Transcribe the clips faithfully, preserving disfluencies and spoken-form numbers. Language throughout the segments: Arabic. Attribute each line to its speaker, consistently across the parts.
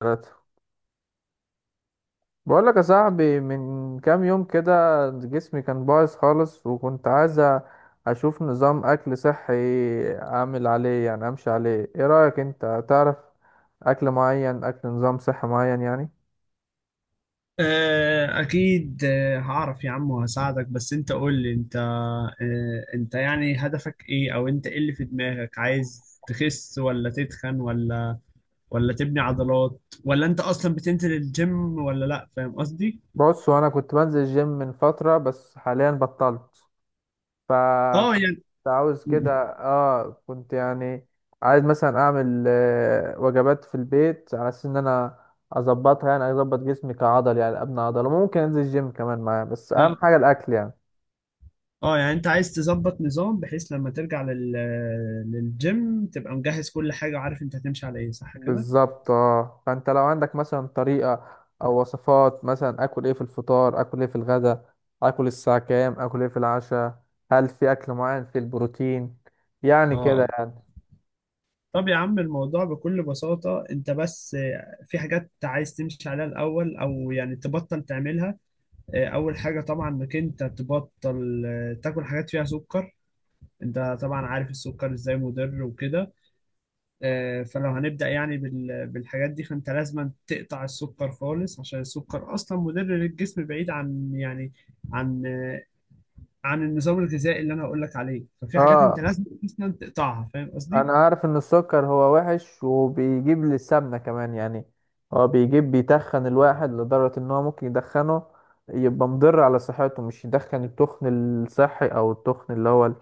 Speaker 1: ثلاثة. بقول لك يا صاحبي، من كام يوم كده جسمي كان بايظ خالص، وكنت عايز أ- اشوف نظام اكل صحي اعمل عليه، يعني امشي عليه. ايه رأيك، انت تعرف اكل معين، اكل نظام صحي معين يعني؟
Speaker 2: آه، أكيد آه، هعرف يا عم وهساعدك، بس أنت قول لي أنت، آه، أنت يعني هدفك إيه؟ أو أنت إيه اللي في دماغك؟ عايز تخس ولا تتخن ولا ولا تبني عضلات، ولا أنت أصلا بتنزل الجيم ولا لأ؟ فاهم قصدي؟
Speaker 1: بص، وانا كنت بنزل جيم من فترة بس حاليا بطلت،
Speaker 2: أه
Speaker 1: فكنت
Speaker 2: يعني
Speaker 1: عاوز كده. اه كنت يعني عايز مثلا اعمل آه، وجبات في البيت على اساس ان انا اظبطها، يعني اظبط جسمي كعضل، يعني ابني عضله. ممكن انزل الجيم كمان معاه، بس اهم
Speaker 2: أه
Speaker 1: حاجه الاكل يعني.
Speaker 2: أه يعني أنت عايز تظبط نظام بحيث لما ترجع لل... للجيم تبقى مجهز كل حاجة وعارف أنت هتمشي على إيه، صح كده؟
Speaker 1: بالظبط. اه، فانت لو عندك مثلا طريقه او وصفات، مثلا اكل ايه في الفطار، اكل ايه في الغداء، اكل الساعه كام، اكل ايه في العشاء، هل في اكل معين في البروتين، يعني كده
Speaker 2: أه.
Speaker 1: يعني.
Speaker 2: طب يا عم، الموضوع بكل بساطة، انت بس آه، في حاجات عايز تمشي عليها الأول، أو يعني تبطل تعملها. آه، أول حاجة طبعا إنك انت تبطل آه، تاكل حاجات فيها سكر. انت طبعا عارف السكر ازاي مضر وكده. آه، فلو هنبدأ يعني بال- بالحاجات دي، فانت لازم تقطع السكر خالص، عشان السكر أصلا مضر للجسم، بعيد عن يعني عن آه، عن النظام الغذائي اللي أنا هقولك عليه. ففي حاجات انت
Speaker 1: اه،
Speaker 2: لازم أصلا تقطعها، فاهم قصدي؟
Speaker 1: انا عارف ان السكر هو وحش وبيجيب للسمنة كمان يعني، هو بيجيب بيتخن الواحد لدرجة ان هو ممكن يدخنه، يبقى مضر على صحته. مش يدخن التخن الصحي او التخن اللي هو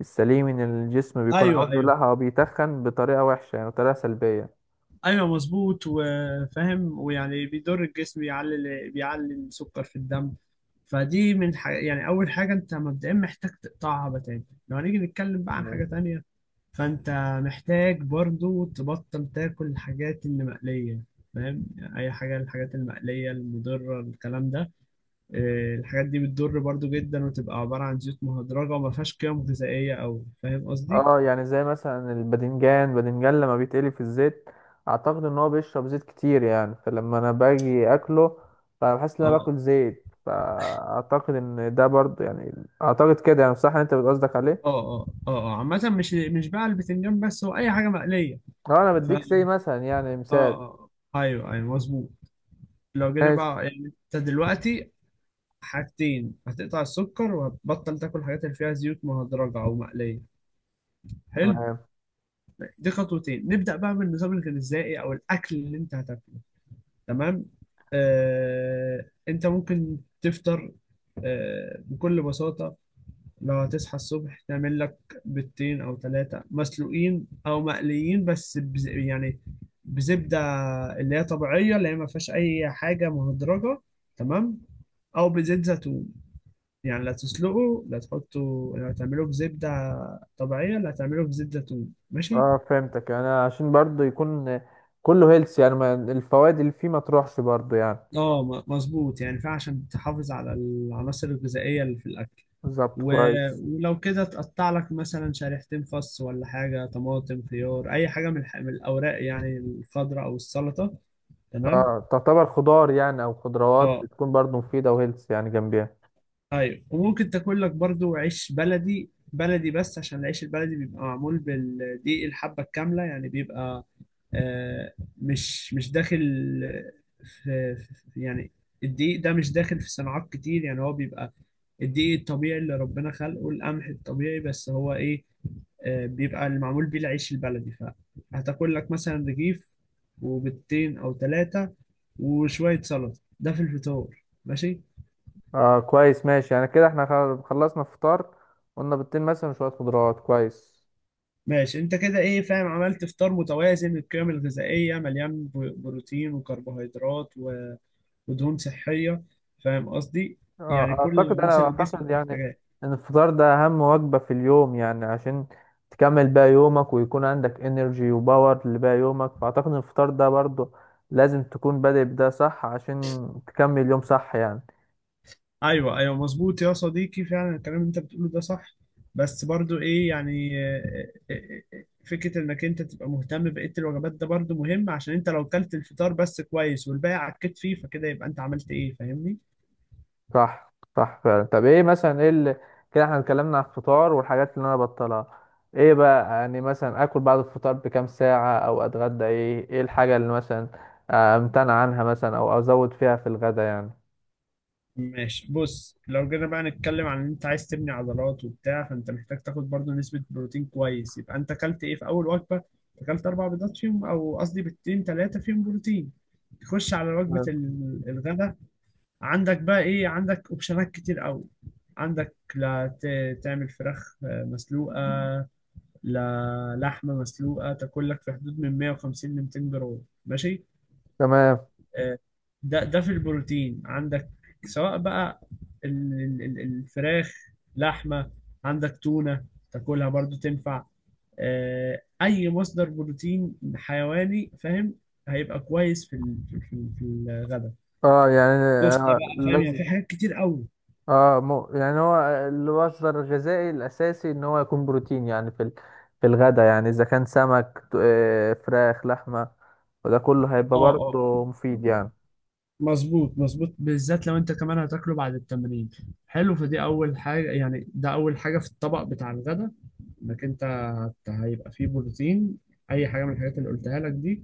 Speaker 1: السليم ان الجسم بيكون
Speaker 2: ايوه
Speaker 1: عاوزه، لا،
Speaker 2: ايوه
Speaker 1: هو بيتخن بطريقة وحشة يعني، بطريقة سلبية.
Speaker 2: ايوه مظبوط، وفاهم. ويعني بيضر الجسم، بيعلي بيعلي السكر في الدم. فدي من ح... يعني اول حاجه انت مبدئيا محتاج تقطعها بتاتا. لو هنيجي نتكلم بقى عن حاجه تانية، فانت محتاج برضو تبطل تاكل الحاجات اللي مقليه، فاهم؟ اي حاجه، الحاجات المقليه المضره الكلام ده. آه، الحاجات دي بتضر برضو جدا، وتبقى عباره عن زيوت مهدرجه وما فيهاش قيم غذائيه قوي، فاهم قصدي؟
Speaker 1: اه، يعني زي مثلا الباذنجان باذنجان لما بيتقلي في الزيت، اعتقد ان هو بيشرب زيت كتير يعني، فلما انا باجي اكله فبحس ان انا
Speaker 2: اه
Speaker 1: باكل زيت. فاعتقد ان ده برضه يعني، اعتقد كده يعني. صح، انت بتقصدك
Speaker 2: اه
Speaker 1: عليه.
Speaker 2: اه اه آه. عامة مش مش بقى البتنجان بس، هو أي حاجة مقلية.
Speaker 1: اه، انا
Speaker 2: ف
Speaker 1: بديك زي
Speaker 2: اه
Speaker 1: مثلا يعني مثال.
Speaker 2: اه اه. أيوه أيوه مظبوط. لو جينا
Speaker 1: ماشي.
Speaker 2: بقى يعني أنت دلوقتي حاجتين، هتقطع السكر وهتبطل تاكل الحاجات اللي فيها زيوت مهدرجة أو مقلية. حلو،
Speaker 1: تمام.
Speaker 2: دي خطوتين. نبدأ بقى بالنظام الغذائي أو الأكل اللي أنت هتاكله. تمام، آه أنت ممكن تفطر آه بكل بساطة، لو هتصحى الصبح تعمل لك بيضتين او ثلاثة مسلوقين او مقليين، بس بز... يعني بزبدة اللي هي طبيعية، اللي هي ما فيهاش اي حاجة مهدرجة، تمام؟ او بزيت زيتون، يعني لا تسلقه، لا تحطه، لا تعمله بزبدة طبيعية، لا تعمله بزيت زيتون، ماشي.
Speaker 1: اه فهمتك، انا عشان برضه يكون كله هيلث يعني، ما الفوائد اللي فيه ما تروحش برضه يعني.
Speaker 2: اه م- مظبوط، يعني فعشان تحافظ على العناصر الغذائية اللي في الاكل.
Speaker 1: بالظبط،
Speaker 2: و-
Speaker 1: كويس.
Speaker 2: ولو كده تقطع لك مثلا شريحتين خس ولا حاجة، طماطم، خيار، أي حاجة من الح- من الأوراق يعني الخضراء أو السلطة، تمام.
Speaker 1: اه، تعتبر خضار يعني او خضروات،
Speaker 2: اه
Speaker 1: بتكون برضه مفيدة وهيلث يعني جنبيها.
Speaker 2: أيوة. وممكن تاكل لك برضو عيش بلدي بلدي، بس عشان العيش البلدي بيبقى معمول بالدقيق الحبة الكاملة، يعني بيبقى آه مش مش داخل في في- يعني الدقيق ده مش داخل في صناعات كتير، يعني هو بيبقى الدقيق الطبيعي اللي ربنا خلقه، القمح الطبيعي، بس هو ايه، آه، بيبقى اللي معمول بيه العيش البلدي. فهتاكل لك مثلا رغيف وبيضتين او ثلاثة وشوية سلطة، ده في الفطار، ماشي.
Speaker 1: اه كويس، ماشي. يعني كده احنا خل- خلصنا فطار، قلنا بيضتين مثلا وشوية خضروات، كويس.
Speaker 2: ماشي انت كده ايه، فاهم، عملت فطار متوازن، القيم الغذائية مليان ب- بروتين وكربوهيدرات و- ودهون صحية، فاهم قصدي؟ يعني
Speaker 1: اه،
Speaker 2: كل
Speaker 1: اعتقد
Speaker 2: العناصر
Speaker 1: انا
Speaker 2: اللي جسمك
Speaker 1: اعتقد يعني
Speaker 2: محتاجها.
Speaker 1: ان الفطار ده اهم وجبة في اليوم، يعني عشان تكمل بقى يومك ويكون عندك انرجي وباور لباقي يومك. فاعتقد ان الفطار ده برضو لازم تكون بادئ بده صح، عشان تكمل يوم صح يعني.
Speaker 2: ايوه ايوه مظبوط يا صديقي، فعلا الكلام اللي انت بتقوله ده صح، بس برضو ايه يعني، آه، آه، آه، آه، فكره انك انت تبقى مهتم بقيه الوجبات ده برضو مهم، عشان انت لو كلت الفطار بس كويس والباقي عكيت فيه، فكده يبقى انت عملت ايه، فاهمني؟
Speaker 1: صح، صح، فعلا. طب ايه مثلا، ايه اللي، كده احنا اتكلمنا على الفطار والحاجات اللي انا بطلها، ايه بقى يعني مثلا اكل بعد الفطار بكام ساعة، او اتغدى ايه؟ ايه الحاجة اللي مثلا آه، امتنع عنها مثلا، او ازود فيها في الغدا يعني؟
Speaker 2: ماشي، بص، لو جينا بقى نتكلم عن ان انت عايز تبني عضلات وبتاع، فانت محتاج تاخد برضو نسبه بروتين كويس. يبقى انت كلت ايه في اول وجبه، اكلت اربع بيضات فيهم، او قصدي بيضتين ثلاثه فيهم بروتين. تخش على وجبه
Speaker 1: تمام.
Speaker 2: ال- الغداء، عندك بقى ايه، عندك اوبشنات كتير قوي. عندك لا ت- تعمل فراخ آه، مسلوقة، لا لحمة مسلوقة، تاكل لك في حدود من مية وخمسين ل 200 جرام، ماشي.
Speaker 1: تمام.
Speaker 2: آه، ده ده في البروتين عندك، سواء بقى ال- ال- ال- الفراخ، لحمة، عندك تونة تاكلها برضو تنفع، آه، اي مصدر بروتين حيواني، فاهم، هيبقى كويس في ال- في ال- في الغداء.
Speaker 1: اه يعني،
Speaker 2: كفتة
Speaker 1: آه
Speaker 2: بقى، فاهم، يعني
Speaker 1: لازم،
Speaker 2: في حاجات كتير قوي.
Speaker 1: اه، مو يعني، هو المصدر الغذائي الاساسي ان هو يكون بروتين يعني في ال- في الغداء يعني، اذا كان سمك، ت- آه، فراخ، لحمه، وده كله هيبقى
Speaker 2: اه اه
Speaker 1: برضه مفيد يعني.
Speaker 2: مظبوط مظبوط، بالذات لو انت كمان هتاكله بعد التمرين. حلو، فدي اول حاجة، يعني ده اول حاجة في الطبق بتاع الغدا، انك انت هت- هيبقى فيه بروتين، اي حاجة من الحاجات اللي قلتها لك دي.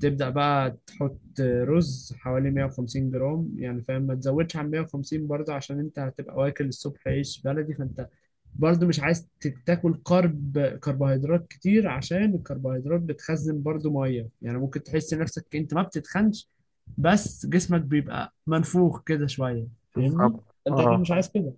Speaker 2: تبدأ بقى تحط رز حوالي مية وخمسين جرام، يعني فاهم ما تزودش عن مية وخمسين برضه، عشان انت هتبقى واكل الصبح عيش بلدي، فانت برضه مش عايز ت- تاكل كرب كربوهيدرات كتير، عشان الكربوهيدرات بتخزن برضه مية، يعني ممكن تحس نفسك انت ما بتتخنش، بس جسمك بيبقى منفوخ كده شوية، فاهمني؟
Speaker 1: بالظبط.
Speaker 2: انت اكيد مش
Speaker 1: اه،
Speaker 2: عايز كده.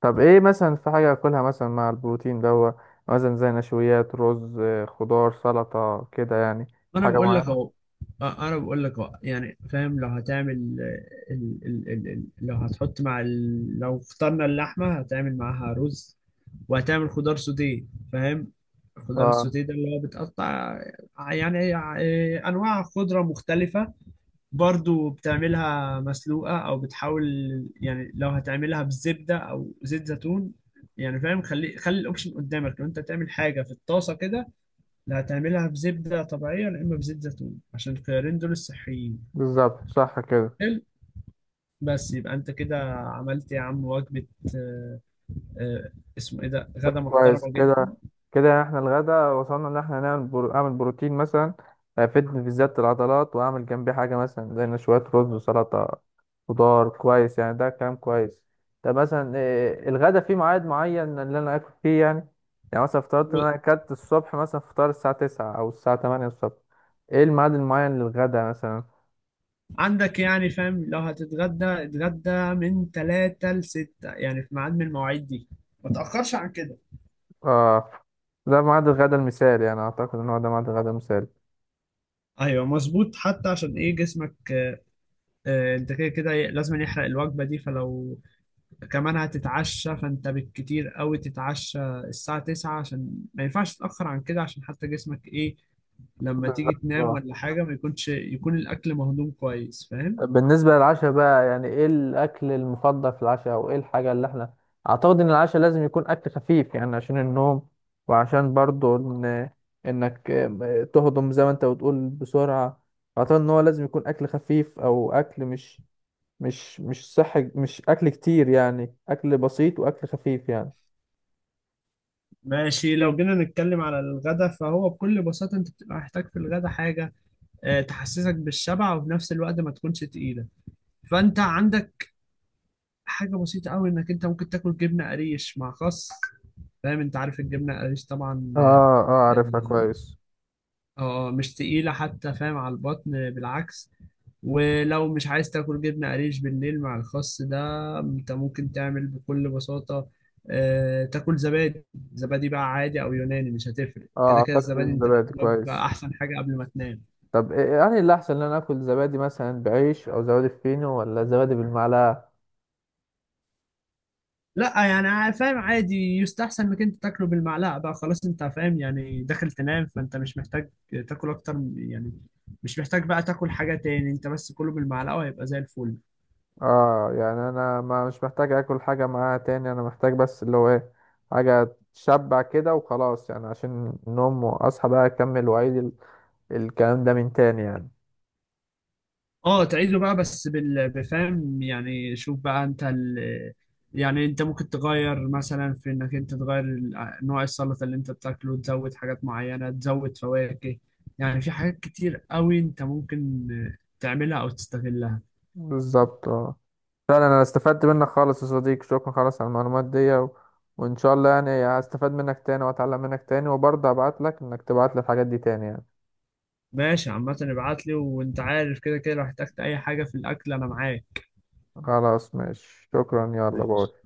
Speaker 1: طب ايه مثلا، في حاجة اكلها مثلا مع البروتين دوا، مثلا زي نشويات رز، آه، خضار، سلطة، كده يعني؟ في
Speaker 2: انا
Speaker 1: حاجة
Speaker 2: بقول لك اهو،
Speaker 1: معينة؟
Speaker 2: أه، انا بقول لك اهو، يعني فاهم، لو هتعمل آه، ال... ال... ال... ال... لو هتحط مع ال... لو فطرنا اللحمة، هتعمل معاها رز وهتعمل خضار سوتيه، فاهم؟ الخضار
Speaker 1: اه.
Speaker 2: السوتيه ده اللي هو بتقطع يعني آه، آه، انواع خضرة مختلفة، برضو بتعملها مسلوقة، أو بتحاول يعني لو هتعملها بالزبدة أو زيت زيتون، يعني فاهم، خلي خلي الأوبشن قدامك، لو أنت تعمل حاجة في الطاسة كده، لا هتعملها بزبدة طبيعية، يا إما بزيت زيتون، عشان الخيارين دول الصحيين.
Speaker 1: بالظبط، صح كده.
Speaker 2: حلو، بس يبقى أنت كده عملت يا عم وجبة، آه، آه، اسمه إيه ده،
Speaker 1: طب
Speaker 2: غدا
Speaker 1: كويس
Speaker 2: محترمة جدا.
Speaker 1: كده، كده يعني احنا الغدا وصلنا ان احنا نعمل برو... اعمل بروتين مثلا هيفيدني في زيادة العضلات، واعمل جنبي حاجة مثلا زي إن شوية رز وسلطة خضار، كويس يعني. ده كلام كويس. طب مثلا إيه الغدا، فيه ميعاد معين اللي انا اكل فيه يعني؟ يعني مثلا فطرت ان انا اكلت الصبح مثلا فطار الساعة تسعة او الساعة تمانية الصبح، ايه الميعاد المعين للغدا مثلا؟
Speaker 2: عندك يعني فاهم لو هتتغدى، اتغدى من ثلاثة ل ستة، يعني في ميعاد من المواعيد دي، ما تأخرش عن كده.
Speaker 1: اه، ده ميعاد الغدا المثالي يعني، اعتقد ان هو ده ميعاد الغدا المثالي.
Speaker 2: ايوه مظبوط، حتى عشان ايه، جسمك آه، انت كده كده لازم يحرق الوجبه دي. فلو كمان هتتعشى، فانت بالكتير قوي تتعشى الساعه تسعة، عشان ما ينفعش تتاخر عن كده، عشان حتى جسمك ايه، لما تيجي تنام
Speaker 1: بالظبط.
Speaker 2: ولا حاجه، ما يكونش، يكون الاكل مهضوم كويس، فاهم؟
Speaker 1: طب بالنسبة للعشاء بقى، يعني ايه الأكل المفضل في العشاء، أو ايه الحاجة اللي احنا، أعتقد إن العشاء لازم يكون أكل خفيف يعني عشان النوم، وعشان برضو إن إنك تهضم زي ما أنت بتقول بسرعة. أعتقد إن هو لازم يكون أكل خفيف، أو أكل مش مش مش صحي، مش أكل كتير يعني، أكل بسيط وأكل خفيف يعني.
Speaker 2: ماشي، لو جينا نتكلم على الغدا، فهو بكل بساطه انت بتبقى محتاج في الغدا حاجه آه، تحسسك بالشبع وفي نفس الوقت ما تكونش تقيله. فانت عندك حاجة بسيطة أوي، إنك أنت ممكن تاكل جبنة قريش مع خس، فاهم، أنت عارف الجبنة قريش طبعا.
Speaker 1: اه. اه،
Speaker 2: آه،
Speaker 1: عارفها كويس.
Speaker 2: آه، مش تقيلة حتى، فاهم، على البطن بالعكس. ولو مش عايز تاكل جبنة قريش بالليل مع الخس ده، انت ممكن تعمل بكل بساطة آه، تاكل زبادي، زبادي بقى عادي او يوناني، مش هتفرق،
Speaker 1: اه،
Speaker 2: كده كده
Speaker 1: اعتقد
Speaker 2: الزبادي انت
Speaker 1: الزبادي كويس.
Speaker 2: بقى احسن حاجة قبل ما تنام.
Speaker 1: طب إيه- يعني اللي أحسن إن أنا آكل زبادي مثلا بعيش، أو زبادي فينو، ولا زبادي بالمعلقة؟
Speaker 2: لا يعني ع- فاهم عادي، يستحسن انك انت تاكله بالمعلقه بقى خلاص، انت فاهم يعني داخل تنام، فانت مش محتاج تاكل اكتر من- يعني مش محتاج بقى تاكل حاجه تاني، انت بس كله بالمعلقه وهيبقى زي الفل.
Speaker 1: اه يعني، انا ما مش محتاج اكل حاجة معاها تاني، انا محتاج بس اللي هو ايه، حاجة تشبع كده وخلاص يعني، عشان النوم واصحى بقى اكمل واعيد ال- الكلام ده من تاني يعني.
Speaker 2: اه تعيده بقى، بس بال- بفهم يعني، شوف بقى انت ال... يعني انت ممكن تغير مثلا في انك انت تغير ال- نوع السلطه اللي انت بتاكله، تزود حاجات معينه، تزود فواكه، يعني في حاجات كتير قوي انت ممكن تعملها او تستغلها.
Speaker 1: بالظبط. اه، فعلا انا استفدت منك خالص يا صديقي، شكرا خالص على المعلومات دي و... وان شاء الله يعني هستفاد منك تاني واتعلم منك تاني، وبرضه ابعت لك انك تبعت لي الحاجات دي تاني يعني.
Speaker 2: ماشي، عامة ابعت لي، وانت عارف كده كده لو احتجت اي حاجة في الاكل انا معاك.
Speaker 1: خلاص، ماشي، شكرا، يلا
Speaker 2: ماشي.
Speaker 1: باي.